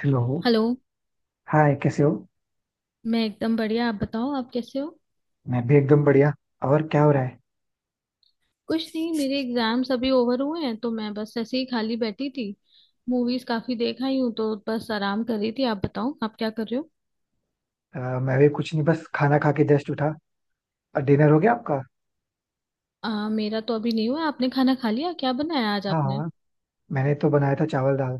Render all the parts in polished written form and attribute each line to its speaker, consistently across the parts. Speaker 1: Hello.
Speaker 2: Hello.
Speaker 1: Hi, कैसे हो?
Speaker 2: मैं एकदम बढ़िया। आप बताओ, आप कैसे हो?
Speaker 1: मैं भी एकदम बढ़िया. और क्या हो रहा है?
Speaker 2: कुछ नहीं, मेरे एग्जाम्स अभी ओवर हुए हैं तो मैं बस ऐसे ही खाली बैठी थी। मूवीज काफी देख आई हूँ, तो बस आराम कर रही थी। आप बताओ, आप क्या कर रहे हो?
Speaker 1: मैं भी कुछ नहीं, बस खाना खा के जस्ट उठा. डिनर हो गया आपका?
Speaker 2: मेरा तो अभी नहीं हुआ। आपने खाना खा लिया? क्या बनाया आज
Speaker 1: हाँ
Speaker 2: आपने?
Speaker 1: हाँ, मैंने तो बनाया था चावल दाल.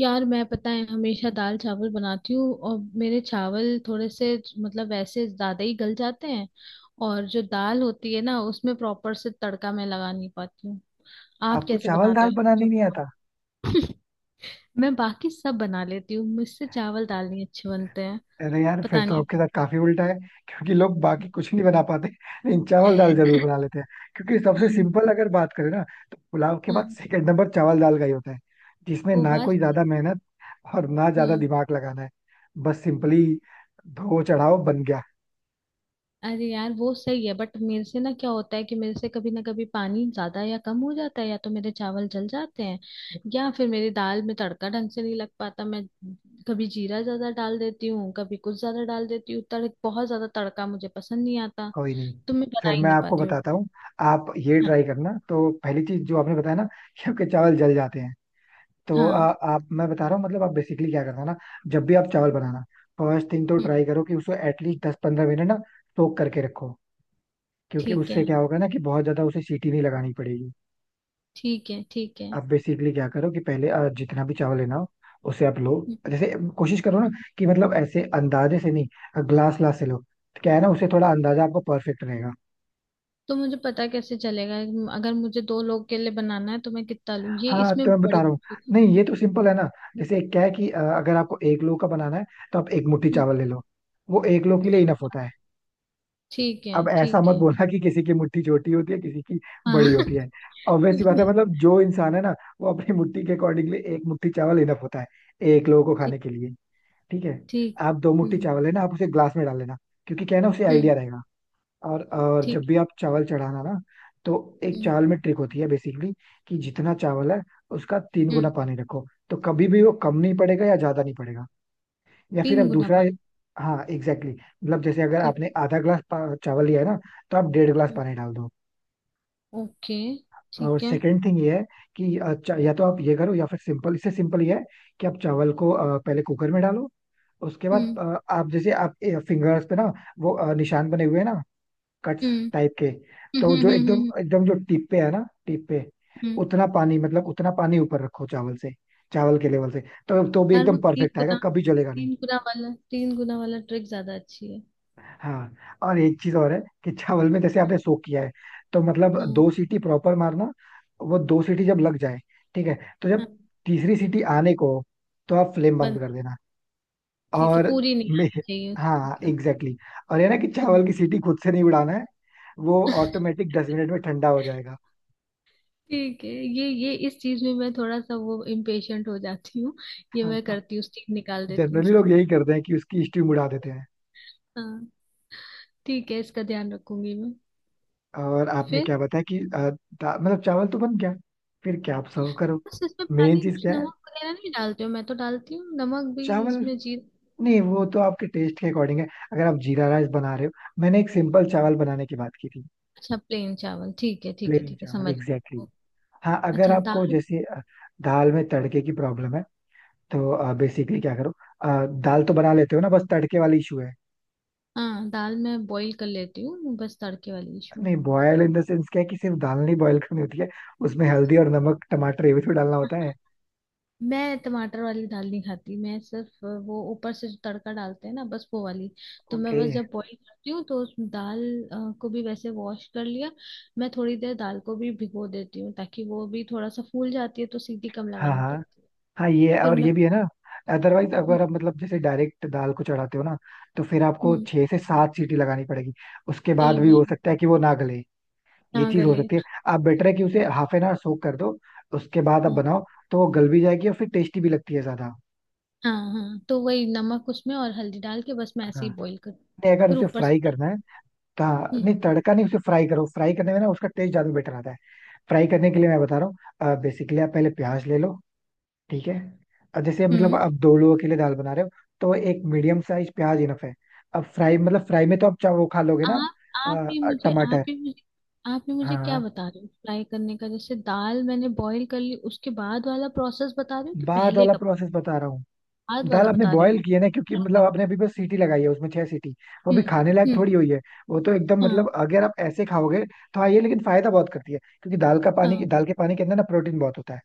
Speaker 2: यार, मैं पता है हमेशा दाल चावल बनाती हूँ, और मेरे चावल थोड़े से, मतलब वैसे ज्यादा ही गल जाते हैं। और जो दाल होती है ना, उसमें प्रॉपर से तड़का मैं लगा नहीं पाती हूँ। आप
Speaker 1: आपको
Speaker 2: कैसे
Speaker 1: चावल
Speaker 2: बनाते
Speaker 1: दाल बनानी नहीं आता?
Speaker 2: हो? मैं बाकी सब बना लेती हूँ, मुझसे चावल दाल नहीं अच्छे बनते हैं।
Speaker 1: अरे यार, फिर
Speaker 2: पता
Speaker 1: तो
Speaker 2: नहीं।
Speaker 1: आपके साथ काफी उल्टा है क्योंकि लोग बाकी कुछ नहीं बना पाते लेकिन चावल दाल जरूर बना लेते हैं. क्योंकि सबसे
Speaker 2: आम।
Speaker 1: सिंपल अगर बात करें ना, तो पुलाव के बाद
Speaker 2: आम।
Speaker 1: सेकंड नंबर चावल दाल का ही होता है, जिसमें
Speaker 2: वो
Speaker 1: ना
Speaker 2: बात
Speaker 1: कोई
Speaker 2: सही
Speaker 1: ज्यादा मेहनत और ना ज्यादा
Speaker 2: है।
Speaker 1: दिमाग लगाना है. बस सिंपली धो चढ़ाओ, बन गया.
Speaker 2: अरे यार, वो सही है, बट मेरे से ना क्या होता है कि मेरे से कभी ना कभी पानी ज्यादा या कम हो जाता है। या तो मेरे चावल जल जाते हैं, या फिर मेरी दाल में तड़का ढंग से नहीं लग पाता। मैं कभी जीरा ज्यादा डाल देती हूँ, कभी कुछ ज्यादा डाल देती हूँ। तड़ बहुत ज्यादा तड़का मुझे पसंद नहीं आता,
Speaker 1: कोई नहीं,
Speaker 2: तो मैं बना
Speaker 1: फिर
Speaker 2: ही
Speaker 1: मैं
Speaker 2: नहीं
Speaker 1: आपको
Speaker 2: पाती हूँ।
Speaker 1: बताता हूँ. आप ये
Speaker 2: हाँ,
Speaker 1: ट्राई करना. तो पहली चीज जो आपने बताया ना, कि आपके चावल जल जाते हैं, तो
Speaker 2: हाँ।
Speaker 1: आप, मैं बता रहा हूँ, मतलब आप बेसिकली क्या करना ना, जब भी आप चावल बनाना, फर्स्ट थिंग तो
Speaker 2: हम्म।
Speaker 1: ट्राई करो कि उसको एटलीस्ट दस पंद्रह मिनट ना सोक करके रखो. क्योंकि
Speaker 2: ठीक है,
Speaker 1: उससे क्या होगा ना, कि बहुत ज्यादा उसे सीटी नहीं लगानी पड़ेगी.
Speaker 2: ठीक है, ठीक है।
Speaker 1: आप बेसिकली क्या करो कि पहले जितना भी चावल लेना हो, उसे आप लो. जैसे कोशिश करो ना कि मतलब ऐसे अंदाजे से नहीं, ग्लास ग्लास से लो, तो क्या है ना उसे थोड़ा अंदाजा, आपको परफेक्ट रहेगा.
Speaker 2: तो मुझे पता कैसे चलेगा? अगर मुझे दो लोग के लिए बनाना है, तो मैं कितना लूँ, ये
Speaker 1: हाँ तो
Speaker 2: इसमें
Speaker 1: मैं बता
Speaker 2: बड़ी।
Speaker 1: रहा हूँ, नहीं ये तो सिंपल है ना. जैसे क्या है कि अगर आपको एक लो का बनाना है, तो आप एक मुट्ठी
Speaker 2: हम्म।
Speaker 1: चावल ले लो. वो एक लो के लिए इनफ होता है.
Speaker 2: ठीक है,
Speaker 1: अब ऐसा
Speaker 2: ठीक
Speaker 1: मत
Speaker 2: है।
Speaker 1: बोलना कि किसी की मुट्ठी छोटी होती है किसी की बड़ी
Speaker 2: हाँ।
Speaker 1: होती है. ऑब्वियस सी बात है, मतलब जो इंसान है ना, वो अपनी मुट्ठी के अकॉर्डिंगली एक मुट्ठी चावल इनफ होता है एक लोगों को खाने
Speaker 2: ठीक।
Speaker 1: के लिए. ठीक है,
Speaker 2: ठीक।
Speaker 1: आप दो मुट्ठी
Speaker 2: हम्म,
Speaker 1: चावल लेना, आप उसे ग्लास में डाल लेना, क्योंकि क्या है ना उसे
Speaker 2: हम्म।
Speaker 1: आइडिया रहेगा. और
Speaker 2: ठीक
Speaker 1: जब भी
Speaker 2: है।
Speaker 1: आप चावल चढ़ाना ना, तो एक
Speaker 2: हम्म,
Speaker 1: चावल में ट्रिक होती है बेसिकली, कि जितना चावल है उसका तीन गुना
Speaker 2: हम्म।
Speaker 1: पानी रखो, तो कभी भी वो कम नहीं पड़ेगा या ज्यादा नहीं पड़ेगा. या फिर आप
Speaker 2: तीन गुना
Speaker 1: दूसरा,
Speaker 2: पानी?
Speaker 1: हाँ एग्जैक्टली exactly. मतलब जैसे अगर
Speaker 2: ठीक।
Speaker 1: आपने आधा ग्लास चावल लिया है ना, तो आप डेढ़ ग्लास
Speaker 2: हम्म।
Speaker 1: पानी डाल दो.
Speaker 2: ओके।
Speaker 1: और
Speaker 2: ठीक है।
Speaker 1: सेकंड थिंग ये है कि या तो आप ये करो, या फिर सिंपल, इससे सिंपल ये है कि आप चावल को पहले कुकर में डालो, उसके बाद
Speaker 2: हम्म,
Speaker 1: आप जैसे आप फिंगर्स पे ना वो निशान बने हुए हैं ना, कट्स
Speaker 2: हम्म,
Speaker 1: टाइप के,
Speaker 2: हम्म,
Speaker 1: तो
Speaker 2: हम्म,
Speaker 1: जो एकदम एकदम जो टिप पे है ना, टिप पे
Speaker 2: हम्म।
Speaker 1: उतना पानी, मतलब उतना पानी ऊपर रखो चावल से, चावल के लेवल से, तो भी
Speaker 2: यार, वो
Speaker 1: एकदम
Speaker 2: तीन
Speaker 1: परफेक्ट आएगा,
Speaker 2: गुना,
Speaker 1: कभी जलेगा नहीं.
Speaker 2: तीन गुना वाला, तीन गुना वाला ट्रिक ज्यादा अच्छी है।
Speaker 1: हाँ, और एक चीज और है कि चावल में जैसे आपने सोक किया है, तो मतलब
Speaker 2: हम्म,
Speaker 1: दो सीटी प्रॉपर मारना. वो दो सीटी जब लग जाए, ठीक है, तो
Speaker 2: हम्म।
Speaker 1: जब तीसरी सीटी आने को हो, तो आप फ्लेम बंद
Speaker 2: बस।
Speaker 1: कर देना.
Speaker 2: ठीक है,
Speaker 1: और
Speaker 2: पूरी नहीं
Speaker 1: मे
Speaker 2: आनी चाहिए उसका
Speaker 1: हाँ
Speaker 2: मतलब।
Speaker 1: Exactly exactly. और ये ना कि
Speaker 2: हम्म।
Speaker 1: चावल की सीटी खुद से नहीं उड़ाना है, वो ऑटोमेटिक दस मिनट में ठंडा हो जाएगा.
Speaker 2: ठीक है, ये इस चीज में मैं थोड़ा सा वो इम्पेशेंट हो जाती हूँ। ये
Speaker 1: हाँ,
Speaker 2: मैं करती हूँ, स्टीम निकाल देती हूँ
Speaker 1: जनरली लोग
Speaker 2: उसकी।
Speaker 1: यही करते हैं कि उसकी स्टीम उड़ा देते हैं.
Speaker 2: हाँ। ठीक है, इसका ध्यान रखूंगी मैं।
Speaker 1: और आपने
Speaker 2: फिर,
Speaker 1: क्या बताया कि मतलब चावल तो बन गया, फिर क्या आप सर्व करो.
Speaker 2: बस इसमें
Speaker 1: मेन
Speaker 2: पानी
Speaker 1: चीज
Speaker 2: कुछ
Speaker 1: क्या है,
Speaker 2: नमक वगैरह नहीं डालते हो? मैं तो डालती हूँ नमक भी
Speaker 1: चावल.
Speaker 2: इसमें, जीर
Speaker 1: नहीं वो तो आपके टेस्ट के अकॉर्डिंग है. अगर आप जीरा राइस बना रहे हो, मैंने एक सिंपल चावल बनाने की बात की थी.
Speaker 2: अच्छा, प्लेन चावल। ठीक है, ठीक है,
Speaker 1: प्लेन
Speaker 2: ठीक है,
Speaker 1: चावल
Speaker 2: समझ
Speaker 1: एग्जैक्टली
Speaker 2: गई।
Speaker 1: exactly. हाँ, अगर
Speaker 2: अच्छा,
Speaker 1: आपको
Speaker 2: दाल।
Speaker 1: जैसे दाल में तड़के की प्रॉब्लम है, तो बेसिकली क्या करो, दाल तो बना लेते हो ना, बस तड़के वाली इशू है.
Speaker 2: हाँ, दाल मैं बॉईल कर लेती हूँ, बस तड़के वाली इशू
Speaker 1: नहीं, बॉयल इन द सेंस क्या है कि सिर्फ दाल नहीं बॉयल करनी होती है, उसमें हल्दी और नमक टमाटर ये भी तो डालना
Speaker 2: है।
Speaker 1: होता है.
Speaker 2: मैं टमाटर वाली दाल नहीं खाती, मैं सिर्फ वो ऊपर से जो तड़का डालते हैं ना, बस वो वाली। तो मैं
Speaker 1: ओके.
Speaker 2: बस जब बॉईल करती हूँ तो उस दाल को भी वैसे वॉश कर लिया। मैं थोड़ी देर दाल को भी भिगो देती हूँ, ताकि वो भी थोड़ा सा फूल जाती है, तो सीटी कम
Speaker 1: हाँ
Speaker 2: लगानी
Speaker 1: हाँ.
Speaker 2: पड़ती है।
Speaker 1: हाँ, ये
Speaker 2: फिर
Speaker 1: और
Speaker 2: मैं।
Speaker 1: ये भी है ना, अदरवाइज
Speaker 2: हम्म,
Speaker 1: अगर आप मतलब जैसे डायरेक्ट दाल को चढ़ाते हो ना, तो फिर आपको
Speaker 2: हम्म।
Speaker 1: छह से सात सीटी लगानी पड़ेगी, उसके
Speaker 2: वही,
Speaker 1: बाद भी हो
Speaker 2: वही।
Speaker 1: सकता है कि वो ना गले. ये
Speaker 2: ना
Speaker 1: चीज हो
Speaker 2: गले।
Speaker 1: सकती है. आप बेटर है कि उसे हाफ एन आवर सोक कर दो, उसके बाद आप
Speaker 2: हाँ,
Speaker 1: बनाओ, तो वो गल भी जाएगी और फिर टेस्टी भी लगती है ज्यादा.
Speaker 2: हाँ, हाँ, तो वही नमक उसमें और हल्दी डाल के बस मैं ऐसे
Speaker 1: हाँ,
Speaker 2: ही बॉईल कर,
Speaker 1: नहीं अगर
Speaker 2: फिर
Speaker 1: उसे
Speaker 2: ऊपर से।
Speaker 1: फ्राई करना है तो हाँ,
Speaker 2: हम्म,
Speaker 1: नहीं तड़का नहीं, उसे फ्राई करो. फ्राई करने में ना उसका टेस्ट ज्यादा बेटर आता है. फ्राई करने के लिए मैं बता रहा हूँ, बेसिकली आप पहले प्याज ले लो. ठीक है, अब जैसे मतलब
Speaker 2: हम्म।
Speaker 1: आप दो लोगों के लिए दाल बना रहे हो, तो एक मीडियम साइज प्याज इनफ है. अब फ्राई मतलब फ्राई में तो आप चाहे वो खा लोगे ना.
Speaker 2: आप आप भी मुझे आप
Speaker 1: टमाटर,
Speaker 2: भी मुझे आप भी मुझे क्या
Speaker 1: हाँ,
Speaker 2: बता रहे हो फ्राई करने का? जैसे दाल मैंने बॉईल कर ली, उसके बाद वाला प्रोसेस बता रहे हो कि
Speaker 1: बाद
Speaker 2: पहले
Speaker 1: वाला
Speaker 2: का प्रोसेस?
Speaker 1: प्रोसेस बता रहा हूँ.
Speaker 2: बाद वाला
Speaker 1: दाल आपने
Speaker 2: बता रहे हो
Speaker 1: बॉयल
Speaker 2: ना?
Speaker 1: की है ना, क्योंकि मतलब आपने अभी बस सीटी लगाई है उसमें, छह सीटी. वो भी
Speaker 2: हम्म,
Speaker 1: खाने लायक
Speaker 2: हम्म।
Speaker 1: थोड़ी हुई है. वो तो एकदम,
Speaker 2: हाँ,
Speaker 1: मतलब अगर आप ऐसे खाओगे तो हाँ, ये लेकिन फायदा बहुत करती है क्योंकि दाल का
Speaker 2: हाँ,
Speaker 1: पानी, दाल के पानी के अंदर ना प्रोटीन बहुत होता है.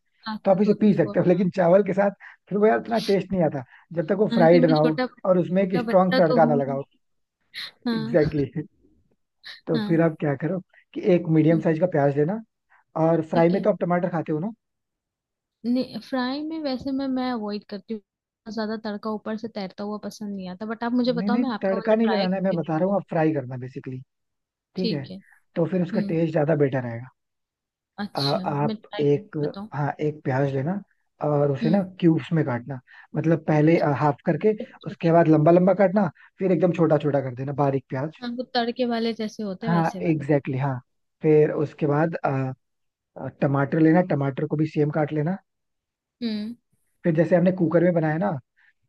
Speaker 1: तो आप
Speaker 2: ताकत
Speaker 1: इसे
Speaker 2: होती
Speaker 1: पी
Speaker 2: है
Speaker 1: सकते
Speaker 2: बहुत,
Speaker 1: हो,
Speaker 2: हाँ।
Speaker 1: लेकिन चावल के साथ फिर वो यार उतना टेस्ट नहीं आता जब तक वो
Speaker 2: हाँ, कि
Speaker 1: फ्राइड
Speaker 2: मैं
Speaker 1: ना हो
Speaker 2: छोटा
Speaker 1: और उसमें एक
Speaker 2: छोटा
Speaker 1: स्ट्रांग
Speaker 2: बच्चा तो
Speaker 1: तड़का ना
Speaker 2: हूँ।
Speaker 1: लगा हो.
Speaker 2: हाँ,
Speaker 1: एग्जैक्टली exactly. तो फिर
Speaker 2: हाँ।
Speaker 1: आप क्या करो कि एक मीडियम
Speaker 2: हम्म।
Speaker 1: साइज का प्याज लेना. और फ्राई
Speaker 2: ठीक
Speaker 1: में
Speaker 2: है।
Speaker 1: तो आप टमाटर खाते हो ना?
Speaker 2: नहीं, फ्राई में वैसे मैं अवॉइड करती हूँ, बहुत ज्यादा तड़का ऊपर से तैरता हुआ पसंद नहीं आता। बट आप मुझे
Speaker 1: नहीं
Speaker 2: बताओ,
Speaker 1: नहीं,
Speaker 2: मैं आपका वाला
Speaker 1: तड़का नहीं
Speaker 2: ट्राई
Speaker 1: लगाना है, मैं
Speaker 2: करके
Speaker 1: बता रहा
Speaker 2: देखूँ।
Speaker 1: हूँ आप फ्राई करना बेसिकली. ठीक है,
Speaker 2: ठीक है।
Speaker 1: तो फिर उसका
Speaker 2: हम्म।
Speaker 1: टेस्ट ज्यादा बेटर आएगा.
Speaker 2: अच्छा, मैं
Speaker 1: आप
Speaker 2: ट्राई कर
Speaker 1: एक,
Speaker 2: बताऊँ।
Speaker 1: हाँ, एक प्याज लेना और उसे ना
Speaker 2: हम्म।
Speaker 1: क्यूब्स में काटना. मतलब पहले हाफ करके,
Speaker 2: छोटा
Speaker 1: उसके
Speaker 2: छोटा।
Speaker 1: बाद लंबा लंबा काटना, फिर एकदम छोटा छोटा कर देना, बारीक प्याज.
Speaker 2: ना, हाँ, वो तड़के वाले जैसे होते हैं
Speaker 1: हाँ
Speaker 2: वैसे वाले।
Speaker 1: एग्जैक्टली exactly, हाँ. फिर उसके बाद टमाटर लेना, टमाटर को भी सेम काट लेना.
Speaker 2: हम्म,
Speaker 1: फिर जैसे हमने कुकर में बनाया ना,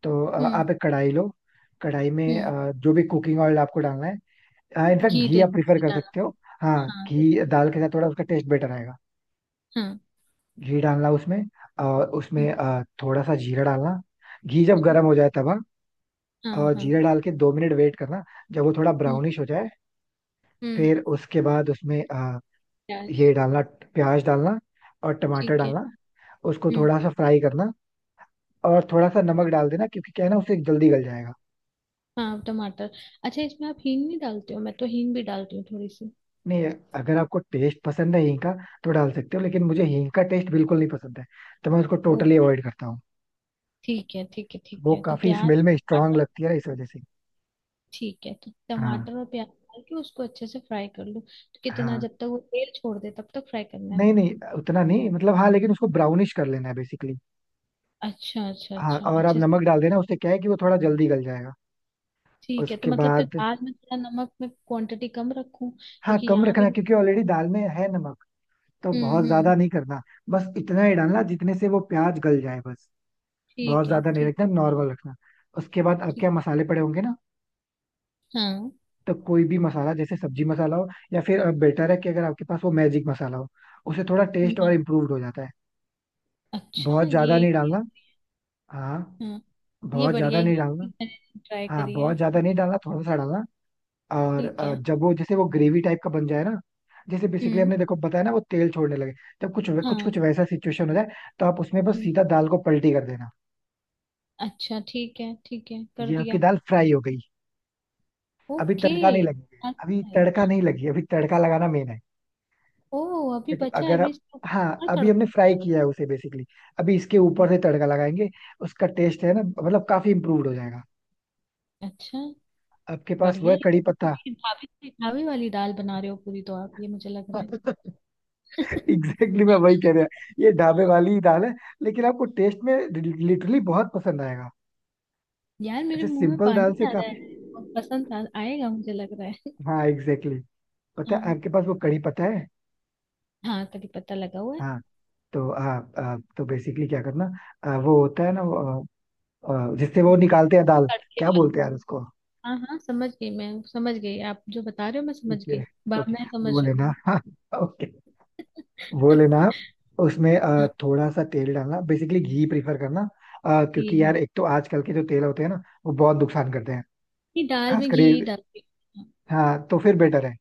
Speaker 1: तो
Speaker 2: हम्म,
Speaker 1: आप एक कढ़ाई लो. कढ़ाई में
Speaker 2: हम्म।
Speaker 1: जो भी कुकिंग ऑयल आपको डालना है, इनफैक्ट
Speaker 2: घी
Speaker 1: घी
Speaker 2: देख
Speaker 1: आप प्रीफर
Speaker 2: के
Speaker 1: कर
Speaker 2: डाला।
Speaker 1: सकते हो. हाँ,
Speaker 2: हाँ, देख।
Speaker 1: घी दाल के साथ थोड़ा उसका टेस्ट बेटर आएगा.
Speaker 2: हाँ।
Speaker 1: घी डालना उसमें, और
Speaker 2: हम्म।
Speaker 1: उसमें थोड़ा सा जीरा डालना. घी जब
Speaker 2: जीरा।
Speaker 1: गर्म हो जाए तब, हाँ,
Speaker 2: हाँ,
Speaker 1: और
Speaker 2: हाँ।
Speaker 1: जीरा डाल के दो मिनट वेट करना. जब वो थोड़ा
Speaker 2: हम्म,
Speaker 1: ब्राउनिश हो जाए,
Speaker 2: हम्म।
Speaker 1: फिर उसके बाद उसमें
Speaker 2: प्याज।
Speaker 1: ये डालना, प्याज डालना और टमाटर
Speaker 2: ठीक है।
Speaker 1: डालना. उसको
Speaker 2: हम्म।
Speaker 1: थोड़ा सा फ्राई करना और थोड़ा सा नमक डाल देना, क्योंकि क्या है ना उससे जल्दी गल जाएगा.
Speaker 2: हाँ, टमाटर। अच्छा, इसमें आप हींग नहीं डालते हो? मैं तो हींग भी डालती हूँ थोड़ी सी।
Speaker 1: नहीं, अगर आपको टेस्ट पसंद है हींग का, तो डाल सकते हो, लेकिन मुझे हींग का टेस्ट बिल्कुल नहीं पसंद है, तो मैं उसको
Speaker 2: ओ,
Speaker 1: टोटली अवॉइड करता हूँ.
Speaker 2: ठीक है, ठीक है, ठीक
Speaker 1: वो
Speaker 2: है। तो
Speaker 1: काफी
Speaker 2: प्याज
Speaker 1: स्मेल में स्ट्रांग
Speaker 2: टमाटर।
Speaker 1: लगती है ना, इस वजह से.
Speaker 2: ठीक है, तो
Speaker 1: हाँ
Speaker 2: टमाटर और प्याज डाल के उसको अच्छे से फ्राई कर लो, तो कितना,
Speaker 1: हाँ.
Speaker 2: जब तक वो तेल छोड़ दे तब तक फ्राई करना है?
Speaker 1: नहीं नहीं, उतना नहीं, मतलब हाँ, लेकिन उसको ब्राउनिश कर लेना है बेसिकली.
Speaker 2: अच्छा, अच्छा,
Speaker 1: हाँ,
Speaker 2: अच्छा,
Speaker 1: और आप
Speaker 2: अच्छे से।
Speaker 1: नमक डाल देना, उससे क्या है कि वो थोड़ा जल्दी गल जाएगा.
Speaker 2: ठीक है, तो
Speaker 1: उसके
Speaker 2: मतलब फिर
Speaker 1: बाद,
Speaker 2: आज मैं थोड़ा नमक में क्वांटिटी कम रखूं,
Speaker 1: हाँ
Speaker 2: क्योंकि
Speaker 1: कम
Speaker 2: यहाँ भी।
Speaker 1: रखना क्योंकि ऑलरेडी दाल में है नमक, तो
Speaker 2: हम्म,
Speaker 1: बहुत
Speaker 2: हम्म, हम्म।
Speaker 1: ज्यादा नहीं करना. बस इतना ही डालना जितने से वो प्याज गल जाए, बस. बहुत
Speaker 2: ठीक है।
Speaker 1: ज्यादा नहीं
Speaker 2: ठीक,
Speaker 1: रखना, नॉर्मल रखना. उसके बाद आपके
Speaker 2: ठीक।
Speaker 1: यहाँ मसाले पड़े होंगे ना,
Speaker 2: हाँ।
Speaker 1: तो कोई भी मसाला जैसे सब्जी मसाला हो, या फिर बेटर है कि अगर आपके पास वो मैजिक मसाला हो, उसे थोड़ा टेस्ट और
Speaker 2: मैं।
Speaker 1: इम्प्रूव्ड हो जाता है.
Speaker 2: अच्छा,
Speaker 1: बहुत
Speaker 2: ये?
Speaker 1: ज्यादा नहीं डालना. हाँ,
Speaker 2: हाँ, ये
Speaker 1: बहुत
Speaker 2: बढ़िया,
Speaker 1: ज्यादा नहीं
Speaker 2: ये
Speaker 1: डालना.
Speaker 2: मैंने ट्राई
Speaker 1: हाँ,
Speaker 2: करी है।
Speaker 1: बहुत ज्यादा नहीं डालना, थोड़ा सा डालना. और
Speaker 2: ठीक है।
Speaker 1: जब वो जैसे वो ग्रेवी टाइप का बन जाए ना, जैसे बेसिकली
Speaker 2: हम्म।
Speaker 1: हमने देखो बताया ना वो तेल छोड़ने लगे, जब कुछ कुछ कुछ
Speaker 2: हाँ।
Speaker 1: वैसा सिचुएशन हो जाए, तो आप उसमें बस
Speaker 2: हम्म।
Speaker 1: सीधा दाल को पलटी कर देना.
Speaker 2: अच्छा, ठीक है, ठीक है, कर
Speaker 1: ये आपकी
Speaker 2: दिया।
Speaker 1: दाल फ्राई हो गई. अभी
Speaker 2: ओके।
Speaker 1: तड़का नहीं लगी, अभी
Speaker 2: अच्छा है।
Speaker 1: तड़का नहीं लगी. अभी तड़का लगाना मेन है.
Speaker 2: ओ, अभी
Speaker 1: देखो,
Speaker 2: बचा है,
Speaker 1: अगर
Speaker 2: अभी
Speaker 1: आप,
Speaker 2: इसको
Speaker 1: हाँ
Speaker 2: और
Speaker 1: अभी
Speaker 2: तड़का
Speaker 1: हमने फ्राई
Speaker 2: होगा?
Speaker 1: किया है उसे बेसिकली, अभी इसके ऊपर से तड़का लगाएंगे, उसका टेस्ट है ना, मतलब काफी इम्प्रूव्ड हो जाएगा.
Speaker 2: अच्छा,
Speaker 1: आपके पास वो
Speaker 2: बढ़िया,
Speaker 1: है,
Speaker 2: ये तो
Speaker 1: कड़ी
Speaker 2: मतलब
Speaker 1: पत्ता?
Speaker 2: ये ढाबे ढाबे वाली दाल बना रहे हो पूरी तो आप, ये मुझे लग रहा है।
Speaker 1: एग्जैक्टली exactly, मैं वही कह रहा. ये ढाबे वाली ही दाल है, लेकिन आपको टेस्ट में लिटरली बहुत पसंद आएगा,
Speaker 2: यार, मेरे
Speaker 1: ऐसे
Speaker 2: मुंह में
Speaker 1: सिंपल दाल
Speaker 2: पानी
Speaker 1: से
Speaker 2: आ रहा
Speaker 1: काफी.
Speaker 2: है। बहुत पसंद था आएगा, मुझे लग रहा है।
Speaker 1: हाँ एग्जैक्टली exactly. पता
Speaker 2: हाँ,
Speaker 1: है, आपके पास वो कड़ी पत्ता है?
Speaker 2: हाँ, करी पत्ता लगा हुआ है।
Speaker 1: हाँ. तो आ, आ, तो बेसिकली क्या करना, वो होता है ना वो, आ, आ, जिससे वो निकालते हैं दाल,
Speaker 2: तड़के
Speaker 1: क्या
Speaker 2: वाला।
Speaker 1: बोलते हैं यार उसको.
Speaker 2: हाँ, हाँ, समझ गई, मैं समझ गई, आप जो बता रहे हो मैं समझ
Speaker 1: ओके
Speaker 2: गई, बा
Speaker 1: ओके,
Speaker 2: मैं समझ
Speaker 1: वो
Speaker 2: रही
Speaker 1: लेना
Speaker 2: हूँ।
Speaker 1: हाँ, ओके, वो लेना आप, उसमें
Speaker 2: हाँ।
Speaker 1: थोड़ा सा तेल डालना, बेसिकली घी प्रीफर करना. क्योंकि
Speaker 2: ठीक, हाँ,
Speaker 1: यार एक तो आजकल के जो तेल होते हैं ना वो बहुत नुकसान करते हैं,
Speaker 2: ये दाल में
Speaker 1: खासकर
Speaker 2: घी
Speaker 1: ये.
Speaker 2: डालती हूँ।
Speaker 1: हाँ तो फिर बेटर है,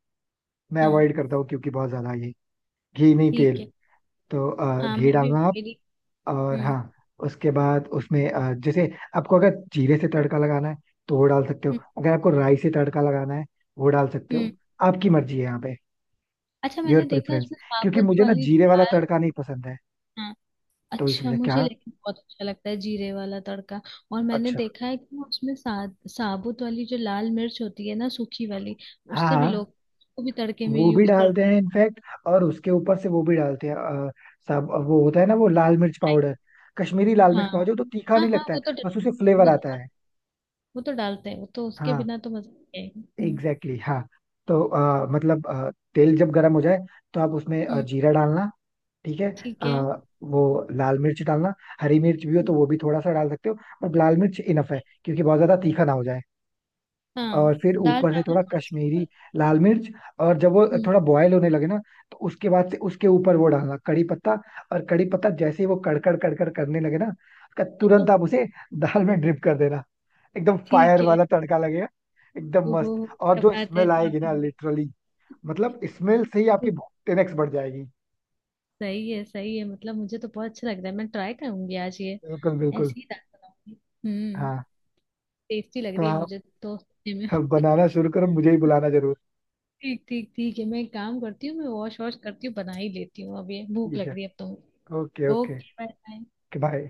Speaker 1: मैं
Speaker 2: हाँ,
Speaker 1: अवॉइड
Speaker 2: हाँ।
Speaker 1: करता हूँ क्योंकि बहुत ज्यादा ये घी नहीं तेल.
Speaker 2: ठीक है।
Speaker 1: तो
Speaker 2: हाँ,
Speaker 1: घी
Speaker 2: मैं भी
Speaker 1: डालना आप,
Speaker 2: मेरी।
Speaker 1: और
Speaker 2: हम्म,
Speaker 1: हाँ उसके बाद उसमें जैसे आपको अगर जीरे से तड़का लगाना है तो वो डाल सकते हो,
Speaker 2: हम्म,
Speaker 1: अगर आपको राई से तड़का लगाना है वो डाल सकते
Speaker 2: हम्म।
Speaker 1: हो, आपकी मर्जी है यहाँ पे.
Speaker 2: अच्छा,
Speaker 1: योर
Speaker 2: मैंने देखा
Speaker 1: प्रेफरेंस,
Speaker 2: उसमें
Speaker 1: क्योंकि
Speaker 2: साबुत
Speaker 1: मुझे ना
Speaker 2: वाली जो
Speaker 1: जीरे वाला
Speaker 2: दाल।
Speaker 1: तड़का नहीं पसंद है.
Speaker 2: हाँ।
Speaker 1: तो इस
Speaker 2: अच्छा,
Speaker 1: वजह क्या.
Speaker 2: मुझे लेकिन बहुत अच्छा लगता है जीरे वाला तड़का। और मैंने
Speaker 1: अच्छा.
Speaker 2: देखा है कि उसमें साबुत वाली जो लाल मिर्च होती है ना, सूखी वाली।
Speaker 1: हाँ
Speaker 2: उससे भी
Speaker 1: हाँ,
Speaker 2: लोग वो भी तड़के में
Speaker 1: वो भी
Speaker 2: यूज
Speaker 1: डालते
Speaker 2: करते हैं।
Speaker 1: हैं इनफैक्ट. और उसके ऊपर से वो भी डालते हैं सब, वो होता है ना वो लाल मिर्च पाउडर, कश्मीरी लाल
Speaker 2: हाँ,
Speaker 1: मिर्च पाउडर तो तीखा
Speaker 2: हाँ,
Speaker 1: नहीं
Speaker 2: हाँ,
Speaker 1: लगता है, बस उसे फ्लेवर
Speaker 2: वो तो
Speaker 1: आता
Speaker 2: डाल-
Speaker 1: है.
Speaker 2: वो तो डालते हैं, वो तो उसके
Speaker 1: हाँ
Speaker 2: बिना तो मजा नहीं आएगा। हम्म,
Speaker 1: एग्जैक्टली exactly, हाँ. तो मतलब तेल जब गर्म हो जाए, तो आप उसमें
Speaker 2: हम्म।
Speaker 1: जीरा डालना. ठीक है,
Speaker 2: ठीक है।
Speaker 1: वो लाल मिर्च डालना, हरी मिर्च भी हो
Speaker 2: हम्म।
Speaker 1: तो वो भी थोड़ा सा डाल सकते हो, बट लाल मिर्च इनफ है क्योंकि बहुत ज्यादा तीखा ना हो जाए.
Speaker 2: हाँ,
Speaker 1: और फिर
Speaker 2: दाल
Speaker 1: ऊपर से
Speaker 2: चावल
Speaker 1: थोड़ा
Speaker 2: थोड़े से।
Speaker 1: कश्मीरी लाल मिर्च. और जब वो
Speaker 2: हम्म।
Speaker 1: थोड़ा बॉयल होने लगे ना, तो उसके बाद से उसके ऊपर वो डालना, कड़ी पत्ता. और कड़ी पत्ता जैसे ही वो कड़कड़ कड़कड़ करने लगे ना, उसका तुरंत आप उसे दाल में ड्रिप कर देना. एकदम
Speaker 2: ठीक
Speaker 1: फायर
Speaker 2: है।
Speaker 1: वाला तड़का लगेगा, एकदम
Speaker 2: ओहो,
Speaker 1: मस्त. और
Speaker 2: क्या
Speaker 1: जो
Speaker 2: बात है,
Speaker 1: स्मेल आएगी
Speaker 2: ढाबे
Speaker 1: ना
Speaker 2: वाली।
Speaker 1: लिटरली, मतलब स्मेल से ही आपकी भूख 10x बढ़ जाएगी.
Speaker 2: सही है, सही है, मतलब मुझे तो बहुत अच्छा लग रहा है, मैं ट्राई करूंगी आज ये,
Speaker 1: बिल्कुल
Speaker 2: ऐसी
Speaker 1: बिल्कुल.
Speaker 2: ही दाल बनाऊंगी। हम्म।
Speaker 1: हाँ,
Speaker 2: टेस्टी लग
Speaker 1: तो
Speaker 2: रही है
Speaker 1: आप
Speaker 2: मुझे तो सुनने में।
Speaker 1: बनाना शुरू करो, मुझे ही बुलाना जरूर.
Speaker 2: ठीक, ठीक, ठीक है, मैं एक काम करती हूँ, मैं वॉश वॉश करती हूँ, बना ही लेती हूँ अब, ये भूख
Speaker 1: ठीक
Speaker 2: लग
Speaker 1: है,
Speaker 2: रही है अब तो।
Speaker 1: Okay okay,
Speaker 2: okay, bye bye.
Speaker 1: Bye.